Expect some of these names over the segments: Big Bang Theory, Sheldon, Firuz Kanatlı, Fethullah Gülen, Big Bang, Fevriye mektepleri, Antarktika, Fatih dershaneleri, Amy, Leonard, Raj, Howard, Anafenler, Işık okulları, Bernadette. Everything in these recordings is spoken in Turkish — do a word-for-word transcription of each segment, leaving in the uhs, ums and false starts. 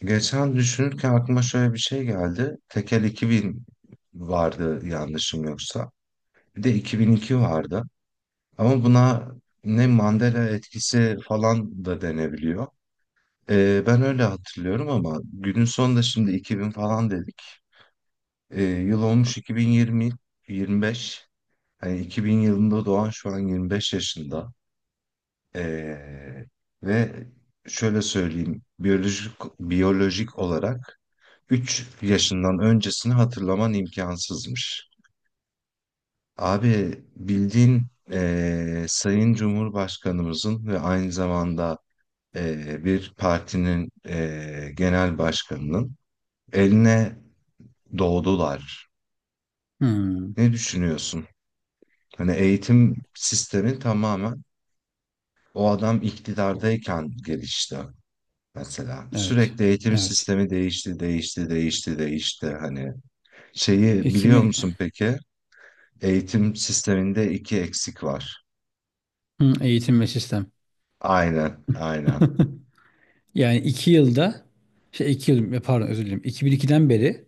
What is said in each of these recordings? Geçen düşünürken aklıma şöyle bir şey geldi. Tekel iki bin vardı yanlışım yoksa. Bir de iki bin iki vardı. Ama buna ne Mandela etkisi falan da denebiliyor. Ee, ben öyle hatırlıyorum ama günün sonunda şimdi iki bin falan dedik. Ee, yıl olmuş iki bin yirmi, yirmi beş. Hani iki bin yılında doğan şu an yirmi beş yaşında. Ee, ve şöyle söyleyeyim. Biyolojik, biyolojik olarak üç yaşından öncesini hatırlaman imkansızmış. Abi bildiğin eee, Sayın Cumhurbaşkanımızın ve aynı zamanda eee, bir partinin eee, genel başkanının eline doğdular. Hmm, Ne düşünüyorsun? Hani eğitim sistemi tamamen o adam iktidardayken gelişti mesela. evet. Sürekli eğitim Evet. sistemi değişti, değişti, değişti, değişti. Hani şeyi biliyor iki bin. musun peki? Eğitim sisteminde iki eksik var. Hmm, eğitim ve sistem. Aynen, aynen. Yani iki yılda şey iki yıl, pardon, özür dilerim. iki bin ikiden beri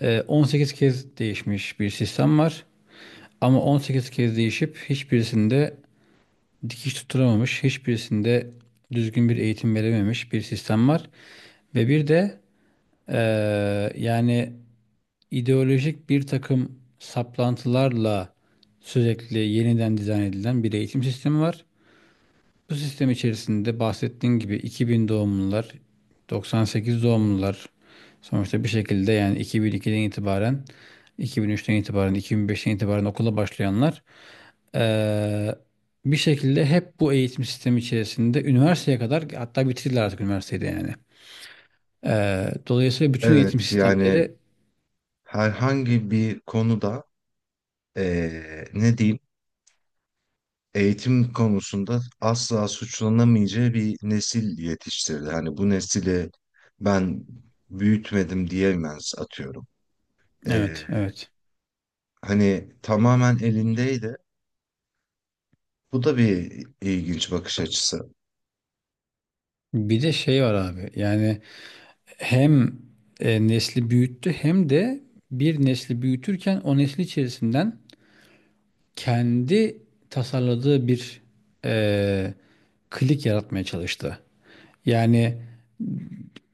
e, on sekiz kez değişmiş bir sistem var. Ama on sekiz kez değişip hiçbirisinde dikiş tutturamamış, hiçbirisinde düzgün bir eğitim verememiş bir sistem var. Ve bir de e, yani ideolojik bir takım saplantılarla sürekli yeniden dizayn edilen bir eğitim sistemi var. Bu sistem içerisinde bahsettiğin gibi iki bin doğumlular, doksan sekiz doğumlular sonuçta bir şekilde yani iki bin ikiden itibaren, iki bin üçten itibaren, iki bin beşten itibaren okula başlayanlar eee, bir şekilde hep bu eğitim sistemi içerisinde üniversiteye kadar, hatta bitirdiler artık üniversitede yani. Eee, dolayısıyla bütün eğitim Evet, yani sistemleri. herhangi bir konuda eee, ne diyeyim, eğitim konusunda asla suçlanamayacağı bir nesil yetiştirdi. Hani bu nesili ben büyütmedim diyemez atıyorum. Eee, Evet, evet. Hani tamamen elindeydi. Bu da bir ilginç bakış açısı. Bir de şey var abi, yani hem e, nesli büyüttü, hem de bir nesli büyütürken o nesli içerisinden kendi tasarladığı bir eee, klik yaratmaya çalıştı. Yani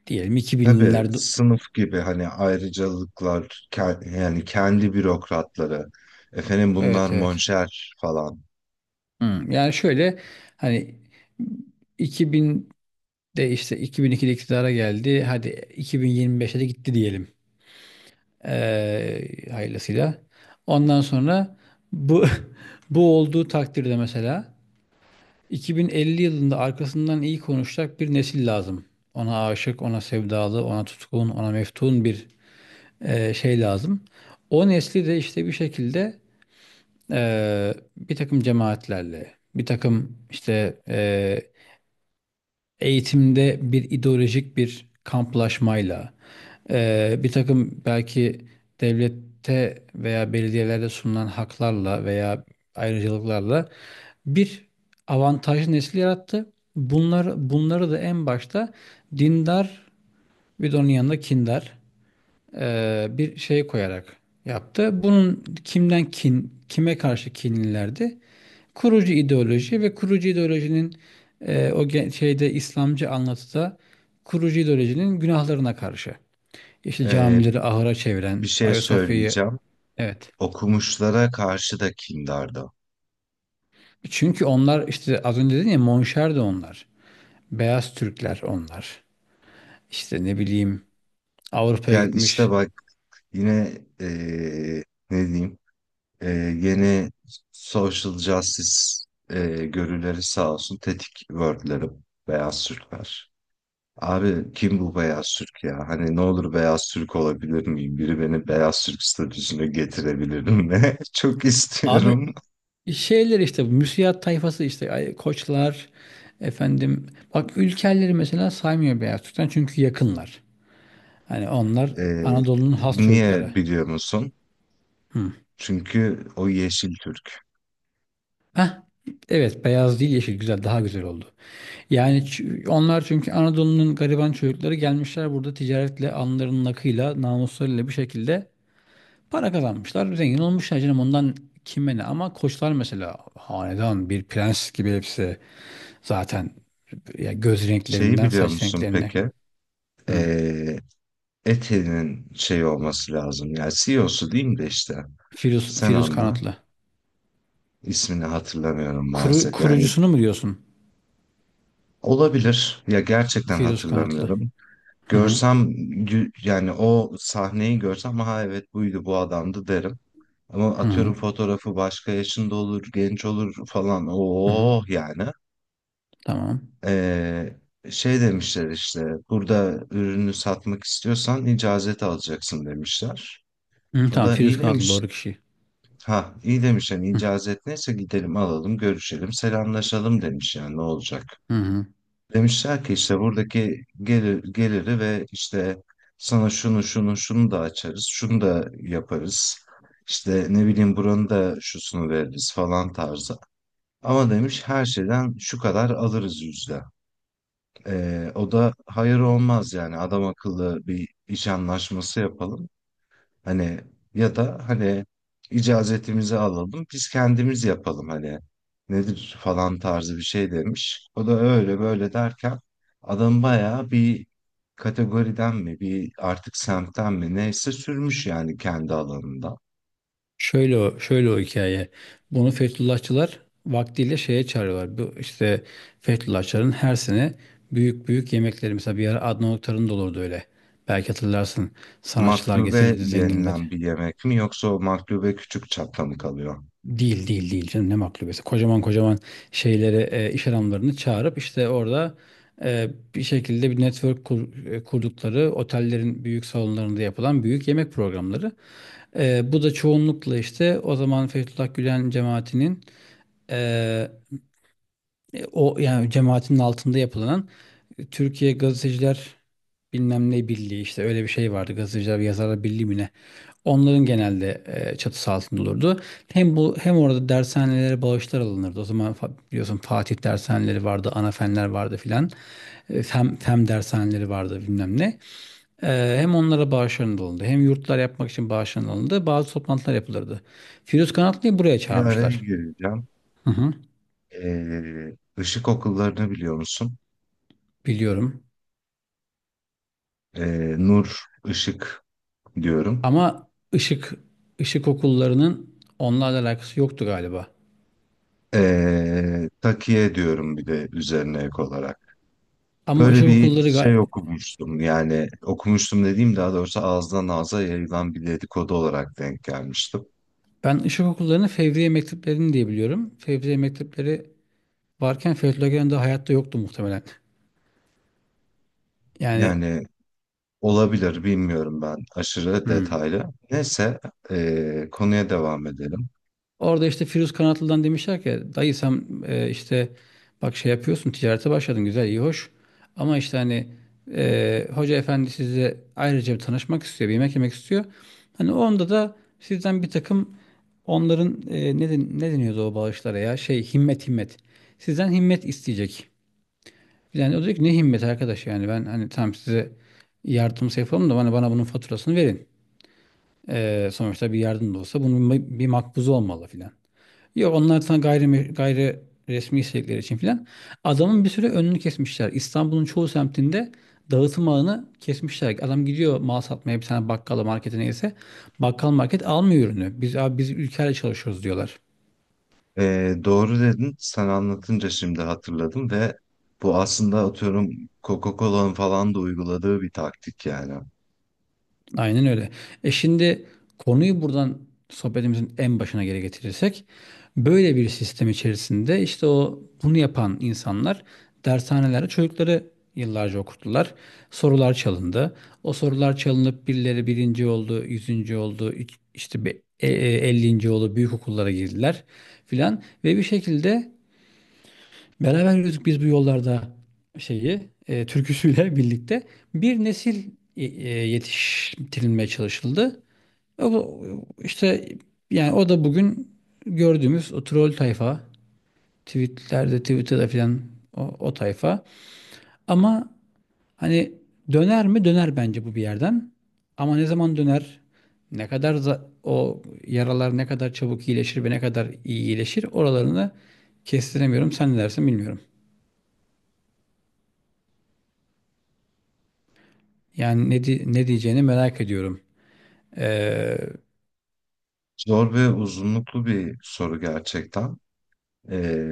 diyelim iki Tabii binlerde sınıf gibi hani ayrıcalıklar ke- yani kendi bürokratları efendim bunlar Evet, evet. monşer falan. Hmm, Yani şöyle, hani iki binde, işte iki bin ikide iktidara geldi. Hadi iki bin yirmi beşe de gitti diyelim. Eee hayırlısıyla. Ondan sonra bu bu olduğu takdirde mesela iki bin elli yılında arkasından iyi konuşacak bir nesil lazım. Ona aşık, ona sevdalı, ona tutkun, ona meftun bir e, şey lazım. O nesli de işte bir şekilde e, bir takım cemaatlerle, bir takım işte e, eğitimde bir ideolojik bir kamplaşmayla, eee, bir takım belki devlette veya belediyelerde sunulan haklarla veya ayrıcalıklarla bir avantajlı nesil yarattı. Bunları, bunları da en başta dindar, bir de onun yanında kindar e, bir şey koyarak yaptı. Bunun kimden kin, kime karşı kinlilerdi? Kurucu ideoloji ve kurucu ideolojinin, e, o ge- şeyde, İslamcı anlatıda kurucu ideolojinin günahlarına karşı. İşte Ee, camileri ahıra Bir çeviren, şey Ayasofya'yı... söyleyeceğim, Evet. okumuşlara karşı da kindardı. Çünkü onlar, işte az önce dedin ya, Monşer de onlar. Beyaz Türkler onlar. İşte ne bileyim, Avrupa'ya Yani gitmiş. işte bak, yine ee, ne diyeyim, ee, yeni social justice ee, görüleri sağ olsun tetik wordlerim beyaz Türkler. Abi kim bu beyaz Türk ya? Hani ne olur beyaz Türk olabilir miyim? Biri beni beyaz Türk statüsüne getirebilir mi? Çok Abi istiyorum. şeyler işte, bu müsiat tayfası işte, ay- koçlar, efendim, bak Ülkerleri mesela saymıyor Beyaz Türk'ten, çünkü yakınlar. Hani onlar Ee, Anadolu'nun has çocukları. Niye biliyor musun? Çünkü o yeşil Türk. Heh, evet, beyaz değil yeşil, güzel, daha güzel oldu. Yani ç- onlar çünkü Anadolu'nun gariban çocukları, gelmişler burada ticaretle alnlarının akıyla namuslarıyla bir şekilde para kazanmışlar, zengin olmuşlar canım, ondan. Kime ne? Ama Koçlar mesela hanedan, bir prens gibi hepsi zaten, ya göz Şeyi renklerinden biliyor saç musun renklerine... peki? Hı. Ee, Etel'in şey olması lazım. Yani C E O'su diyeyim de işte. Firuz, Sen Firuz anla. Kanatlı. İsmini hatırlamıyorum Kuru, maalesef. Yani Kurucusunu mu diyorsun? olabilir. Ya gerçekten Firuz Kanatlı. hatırlamıyorum. Hı hı. Görsem, gü- yani o sahneyi görsem, ha evet, buydu, bu adamdı derim. Ama Hı hı. atıyorum fotoğrafı başka yaşında olur, genç olur falan. Hı hı. Oh yani. Tamam. Ee, Şey demişler, işte burada ürünü satmak istiyorsan icazet alacaksın demişler. Hı, O tamam, da iyi Firuz Kanatlı demiş. doğru kişi. Ha iyi demiş, yani Hı icazet neyse gidelim alalım görüşelim selamlaşalım demiş, yani ne olacak. hı, hı. Demişler ki işte buradaki gelir, geliri ve işte sana şunu şunu şunu da açarız, şunu da yaparız. İşte ne bileyim buranın da şusunu veririz falan tarzı. Ama demiş her şeyden şu kadar alırız yüzde. Ee, o da hayır olmaz, yani adam akıllı bir iş anlaşması yapalım. Hani, ya da hani icazetimizi alalım biz kendimiz yapalım, hani nedir falan tarzı bir şey demiş. O da öyle böyle derken adam bayağı bir kategoriden mi, bir artık semtten mi neyse sürmüş yani kendi alanında. Şöyle o, şöyle o hikaye. Bunu Fethullahçılar vaktiyle şeye çağırıyorlar. Bu işte, Fethullahçıların her sene büyük büyük yemekleri, mesela bir ara Adnan Oktar'ın da olurdu öyle. Belki hatırlarsın. Sanatçılar Maklube getirirdi, zenginleri. yenilen bir yemek mi, yoksa o maklube küçük çapta mı kalıyor? Değil, değil, değil canım, ne maklubesi! Kocaman kocaman şeyleri, e, iş adamlarını çağırıp işte orada e, bir şekilde bir network kur- e, kurdukları otellerin büyük salonlarında yapılan büyük yemek programları. E, bu da çoğunlukla işte, o zaman Fethullah Gülen cemaatinin e, e, o yani cemaatinin altında yapılan e, Türkiye Gazeteciler bilmem ne birliği, işte öyle bir şey vardı. Gazeteciler ve Yazarlar Birliği mi ne? Onların genelde e, çatısı altında olurdu. Hem bu, hem orada dershanelere bağışlar alınırdı. O zaman fa- biliyorsun Fatih dershaneleri vardı, Anafenler vardı filan. E, Fen, fen dershaneleri vardı, bilmem ne. E, hem onlara bağışlar alındı, hem yurtlar yapmak için bağışlar alındı. Bazı toplantılar yapılırdı. Firuz Kanatlı'yı buraya Bir araya çağırmışlar. gireceğim. Hı hı, Ee, ışık okullarını biliyor musun? biliyorum. Ee, Nur Işık diyorum. Ama ışık ışık okullarının onlarla alakası yoktu galiba. Ee, takiye diyorum bir de üzerine ek olarak. Ama Böyle ışık bir okulları ga- şey okumuştum, yani okumuştum dediğim daha doğrusu ağızdan ağza yayılan bir dedikodu olarak denk gelmiştim. Ben ışık okullarını Fevriye mekteplerini diye biliyorum. Fevriye mektepleri varken Fethullah Gülen de hayatta yoktu muhtemelen. Yani, Yani olabilir, bilmiyorum, ben aşırı hmm. detaylı. Neyse, ee, konuya devam edelim. Orada işte Firuz Kanatlı'dan demişler ki, dayı sen e, işte bak şey yapıyorsun, ticarete başladın, güzel, iyi, hoş, ama işte hani e, hoca efendi size ayrıca bir tanışmak istiyor, bir yemek yemek istiyor. Hani onda da sizden bir takım, onların e, ne, den- ne deniyordu o bağışlara, ya, şey himmet himmet, sizden himmet isteyecek. Yani o diyor ki, ne himmet arkadaş, yani ben hani tam size yardımsa yapalım da, bana, bana bunun faturasını verin. E, sonuçta bir yardım da olsa bunun bir bir makbuzu olmalı filan. Yok, onlar sana gayri, gayri resmi istedikleri için filan. Adamın bir süre önünü kesmişler. İstanbul'un çoğu semtinde dağıtım ağını kesmişler. Adam gidiyor mal satmaya bir tane bakkala, markete, neyse. Bakkal, market almıyor ürünü. Biz abi, biz ülkeyle çalışıyoruz diyorlar. Ee, doğru dedin, sen anlatınca şimdi hatırladım ve bu aslında atıyorum Coca-Cola'nın falan da uyguladığı bir taktik yani. Aynen öyle. E şimdi konuyu buradan sohbetimizin en başına geri getirirsek, böyle bir sistem içerisinde işte o bunu yapan insanlar dershanelerde çocukları yıllarca okuttular. Sorular çalındı. O sorular çalınıp birileri birinci oldu, yüzüncü oldu, iç- işte bir e- e- ellinci oldu, büyük okullara girdiler filan, ve bir şekilde, "Beraber yürüdük biz bu yollarda" şeyi e, türküsüyle birlikte bir nesil e, e, yetiştirilmeye çalışıldı. O, bu- işte yani o da bugün gördüğümüz o troll tayfa, tweetlerde, Twitter'da filan, o, o tayfa. Ama hani, döner mi? Döner bence, bu bir yerden. Ama ne zaman döner? Ne kadar za- o yaralar ne kadar çabuk iyileşir ve ne kadar iyi iyileşir, oralarını kestiremiyorum. Sen ne dersin bilmiyorum. Yani ne, di- ne diyeceğini merak ediyorum. Ee, Zor ve uzunluklu bir soru gerçekten. Ee,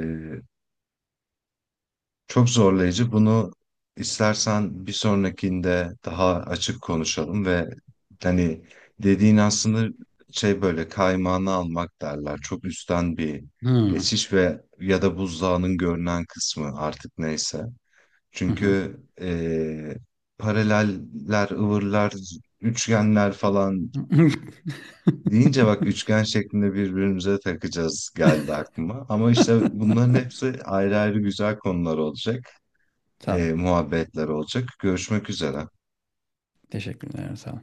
Çok zorlayıcı. Bunu istersen bir sonrakinde daha açık konuşalım ve hani dediğin aslında şey, böyle kaymağını almak derler. Çok üstten bir hmm, geçiş ve ya da buzdağının görünen kısmı artık neyse. hı hı. Çünkü eee, paraleller, ıvırlar, üçgenler falan deyince, bak üçgen şeklinde birbirimize takacağız geldi aklıma. Ama işte bunların hepsi ayrı ayrı güzel konular olacak, Tamam. e, muhabbetler olacak. Görüşmek üzere. Teşekkürler. Sağ ol.